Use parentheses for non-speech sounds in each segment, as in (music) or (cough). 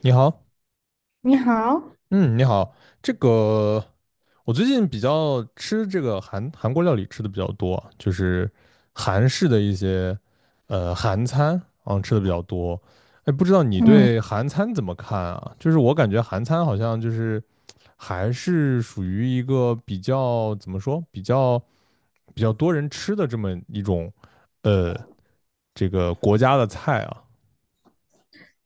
你好。你好。嗯，你好。这个我最近比较吃这个韩国料理吃的比较多，就是韩式的一些韩餐啊吃的比较多。哎，不知道你嗯，对韩餐怎么看啊？就是我感觉韩餐好像就是还是属于一个比较怎么说，比较多人吃的这么一种呃这个国家的菜啊。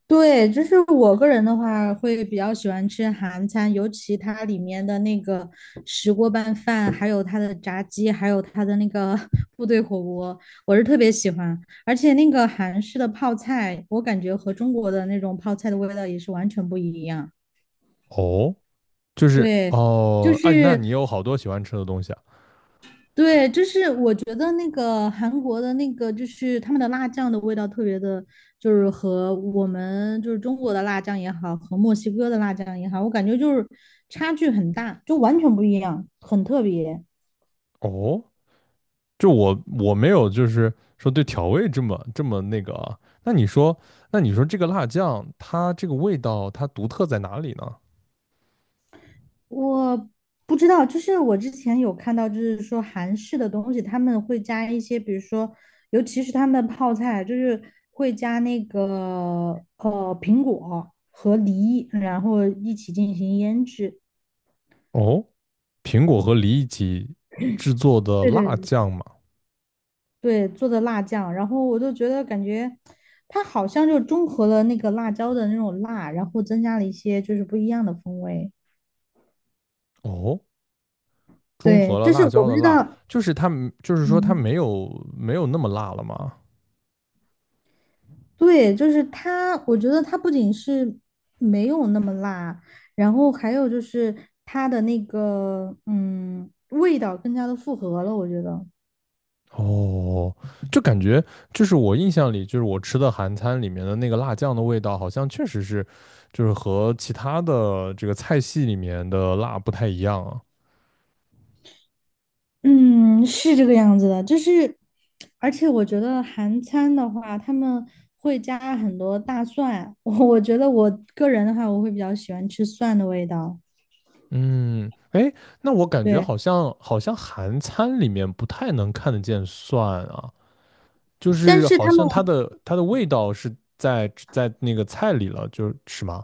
对，就是我个人的话，会比较喜欢吃韩餐，尤其它里面的那个石锅拌饭，还有它的炸鸡，还有它的那个 (laughs) 部队火锅，我是特别喜欢。而且那个韩式的泡菜，我感觉和中国的那种泡菜的味道也是完全不一样。哦，就是对，就哦，哎，那是你有好多喜欢吃的东西啊？对，就是我觉得那个韩国的那个，就是他们的辣酱的味道特别的，就是和我们就是中国的辣酱也好，和墨西哥的辣酱也好，我感觉就是差距很大，就完全不一样，很特别。哦，就我没有，就是说对调味这么那个啊。那你说，那你说这个辣酱它这个味道它独特在哪里呢？我不知道，就是我之前有看到，就是说韩式的东西他们会加一些，比如说，尤其是他们的泡菜，就是会加那个苹果和梨，然后一起进行腌制。哦，苹果和梨一起制作的对对辣对，酱嘛。对，做的辣酱，然后我就觉得感觉它好像就中和了那个辣椒的那种辣，然后增加了一些就是不一样的风味。哦，中对，和了就是辣我椒不的知辣，道。就是它就是说它嗯，没有，没有那么辣了吗？对，就是它，我觉得它不仅是没有那么辣，然后还有就是它的那个味道更加的复合了，我觉得。哦，就感觉就是我印象里，就是我吃的韩餐里面的那个辣酱的味道，好像确实是，就是和其他的这个菜系里面的辣不太一样啊。嗯，是这个样子的，就是，而且我觉得韩餐的话，他们会加很多大蒜，(laughs) 我觉得我个人的话，我会比较喜欢吃蒜的味道。嗯，哎，那我感觉对，好像韩餐里面不太能看得见蒜啊，就但是是好他们。像它的味道是在那个菜里了，就是是吗？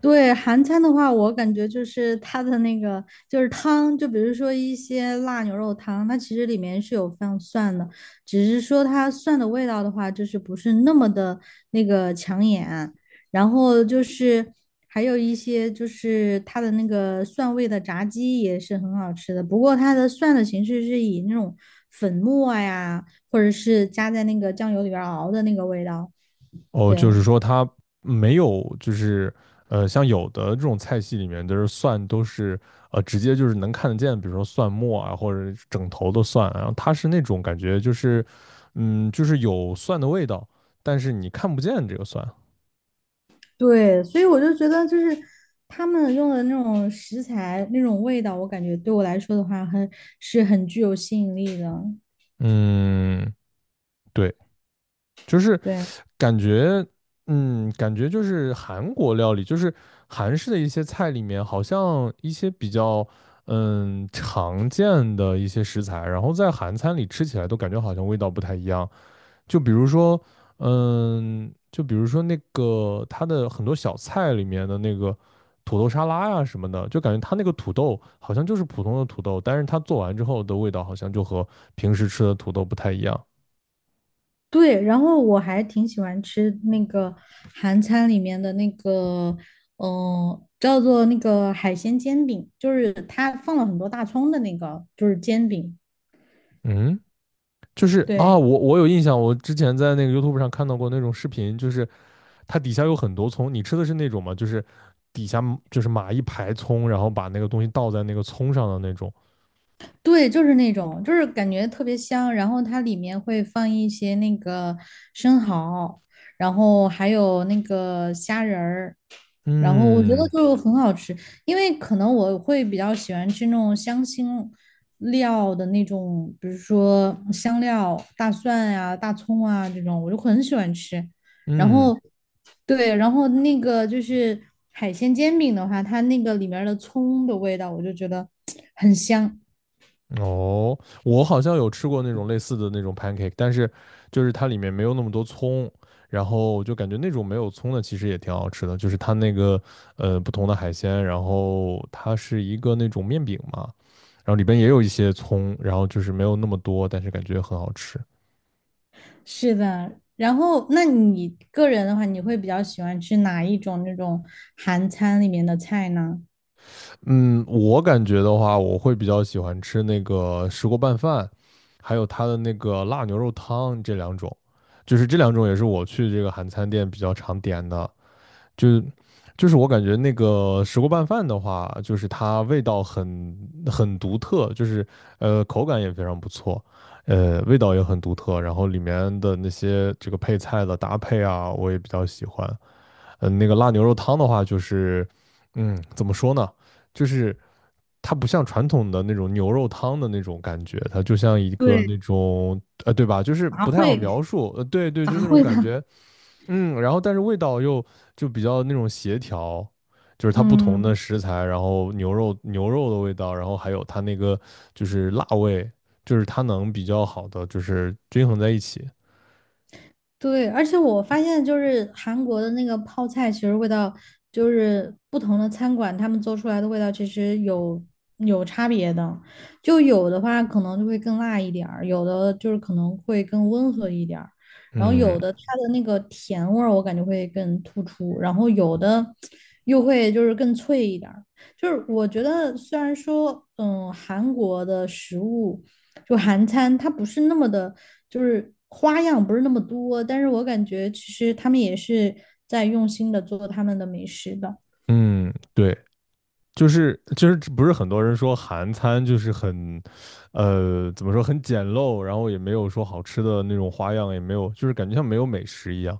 对，韩餐的话，我感觉就是它的那个就是汤，就比如说一些辣牛肉汤，它其实里面是有放蒜的，只是说它蒜的味道的话，就是不是那么的那个抢眼。然后就是还有一些就是它的那个蒜味的炸鸡也是很好吃的，不过它的蒜的形式是以那种粉末呀，或者是加在那个酱油里边儿熬的那个味道。哦，就对。是说它没有，就是呃，像有的这种菜系里面，都是直接就是能看得见，比如说蒜末啊，或者是整头的蒜啊然后它是那种感觉就是嗯，就是有蒜的味道，但是你看不见这个蒜。对，所以我就觉得，就是他们用的那种食材、那种味道，我感觉对我来说的话很，是很具有吸引力的。嗯，对，就是对感觉，嗯，感觉就是韩国料理，就是韩式的一些菜里面，好像一些比较，嗯，常见的一些食材，然后在韩餐里吃起来都感觉好像味道不太一样。就比如说，嗯，就比如说那个它的很多小菜里面的那个土豆沙拉呀、什么的，就感觉它那个土豆好像就是普通的土豆，但是它做完之后的味道好像就和平时吃的土豆不太一样。对，然后我还挺喜欢吃那个韩餐里面的那个，嗯、叫做那个海鲜煎饼，就是他放了很多大葱的那个，就是煎饼。嗯。就是啊，对。我有印象，我之前在那个 YouTube 上看到过那种视频，就是它底下有很多葱，你吃的是那种吗？就是底下就是码一排葱，然后把那个东西倒在那个葱上的那种。对，就是那种，就是感觉特别香。然后它里面会放一些那个生蚝，然后还有那个虾仁儿，然后我觉得嗯就很好吃。因为可能我会比较喜欢吃那种香辛料的那种，比如说香料、大蒜呀、大葱啊这种，我就很喜欢吃。然嗯，后，对，然后那个就是海鲜煎饼的话，它那个里面的葱的味道，我就觉得很香。哦，我好像有吃过那种类似的那种 pancake,但是就是它里面没有那么多葱，然后我就感觉那种没有葱的其实也挺好吃的，就是它那个不同的海鲜，然后它是一个那种面饼嘛。然后里边也有一些葱，然后就是没有那么多，但是感觉很好吃。是的，然后那你个人的话，你会比较喜欢吃哪一种那种韩餐里面的菜呢？嗯，我感觉的话，我会比较喜欢吃那个石锅拌饭，还有它的那个辣牛肉汤这两种，就是这两种也是我去这个韩餐店比较常点的。就就是我感觉那个石锅拌饭的话，就是它味道很独特，就是口感也非常不错。呃，味道也很独特，然后里面的那些这个配菜的搭配啊，我也比较喜欢。嗯、那个辣牛肉汤的话，就是嗯，怎么说呢？就是它不像传统的那种牛肉汤的那种感觉，它就像一个对，那种，对吧？就是杂不太好烩，描述，对对，杂就那种烩的。感觉，嗯，然后但是味道又就比较那种协调。就是它不同嗯，的食材，然后牛肉的味道，然后还有它那个就是辣味，就是它能比较好的就是均衡在一起。对，而且我发现就是韩国的那个泡菜，其实味道就是不同的餐馆他们做出来的味道其实有差别的，就有的话可能就会更辣一点儿，有的就是可能会更温和一点儿，然后嗯有的它的那个甜味儿我感觉会更突出，然后有的又会就是更脆一点儿。就是我觉得虽然说，嗯，韩国的食物。就韩餐它不是那么的，就是花样不是那么多，但是我感觉其实他们也是在用心的做他们的美食的。嗯，对，就是不是很多人说韩餐就是很，呃，怎么说很简陋，然后也没有说好吃的那种花样，也没有，就是感觉像没有美食一样。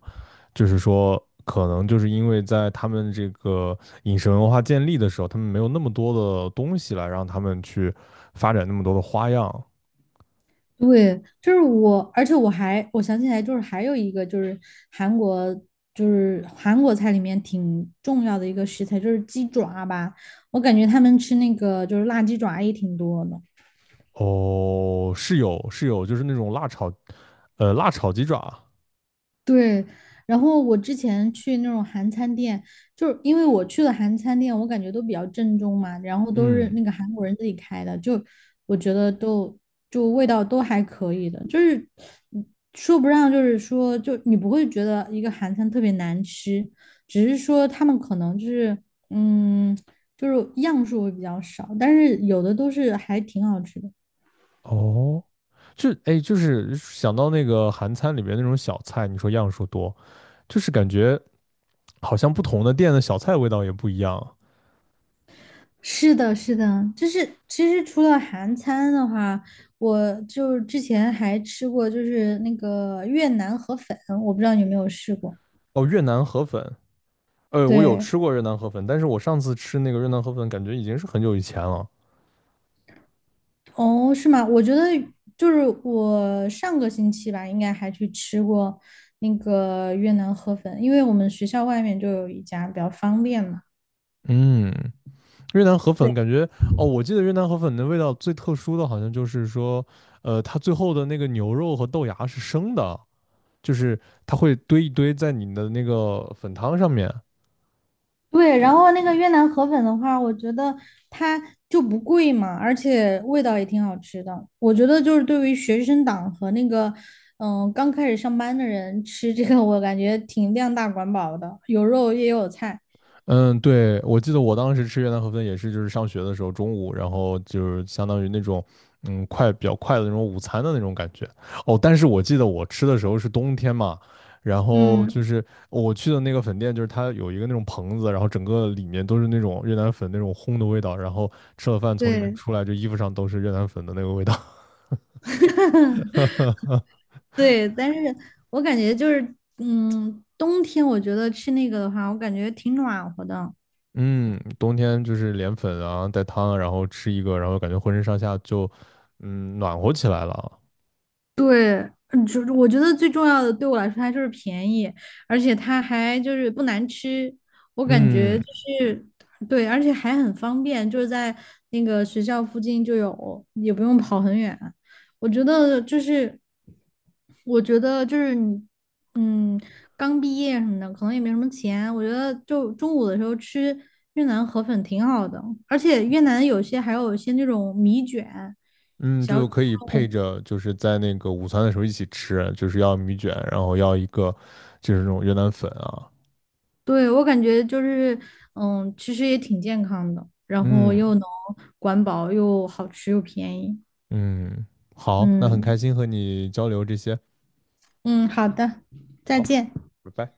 就是说，可能就是因为在他们这个饮食文化建立的时候，他们没有那么多的东西来让他们去发展那么多的花样。对，就是我，而且我想起来，就是还有一个就是韩国，就是韩国菜里面挺重要的一个食材，就是鸡爪吧。我感觉他们吃那个就是辣鸡爪也挺多的。哦，是有是有，就是那种辣炒，辣炒鸡爪，对，然后我之前去那种韩餐店，就是因为我去的韩餐店，我感觉都比较正宗嘛，然后都是嗯，那个韩国人自己开的，就我觉得都就味道都还可以的，就是嗯说不上，就是说就你不会觉得一个韩餐特别难吃，只是说他们可能就是嗯，就是样数会比较少，但是有的都是还挺好吃的。哦。就哎，就是想到那个韩餐里边那种小菜，你说样数多，就是感觉好像不同的店的小菜味道也不一样啊。是的，是的，就是其实除了韩餐的话，我就是之前还吃过，就是那个越南河粉，我不知道你有没有试过。哦，越南河粉，呃，我有对，吃过越南河粉，但是我上次吃那个越南河粉，感觉已经是很久以前了。哦，是吗？我觉得就是我上个星期吧，应该还去吃过那个越南河粉，因为我们学校外面就有一家，比较方便嘛。嗯，越南河粉对。感觉，哦，我记得越南河粉的味道最特殊的好像就是说，它最后的那个牛肉和豆芽是生的，就是它会堆一堆在你的那个粉汤上面，对，然后那个越南河粉的话，我觉得它就不贵嘛，而且味道也挺好吃的。我觉得就是对于学生党和那个刚开始上班的人吃这个，我感觉挺量大管饱的，有肉也有菜。嗯，对，我记得我当时吃越南河粉也是，就是上学的时候中午，然后就是相当于那种，嗯，比较快的那种午餐的那种感觉。哦，但是我记得我吃的时候是冬天嘛，然后嗯，就是我去的那个粉店，就是它有一个那种棚子，然后整个里面都是那种越南粉那种烘的味道，然后吃了饭从里面对出来，就衣服上都是越南粉的那个味道。(laughs) 对，但是我感觉就是冬天我觉得吃那个的话，我感觉挺暖和的。嗯，冬天就是连粉啊，带汤啊，然后吃一个，然后感觉浑身上下就，嗯，暖和起来了。对，嗯，就是我觉得最重要的对我来说，它就是便宜，而且它还就是不难吃，我感觉嗯就是对，而且还很方便，就是在那个学校附近就有，也不用跑很远。我觉得就是，我觉得就是你嗯，刚毕业什么的，可能也没什么钱，我觉得就中午的时候吃越南河粉挺好的，而且越南有些还有一些那种米卷。嗯，小。就可以配着，就是在那个午餐的时候一起吃，就是要米卷，然后要一个就是那种越南粉啊。对，我感觉就是，嗯，其实也挺健康的，然后嗯又能管饱，又好吃又便宜。嗯，好，那很开嗯心和你交流这些，嗯，好的，再见。拜拜。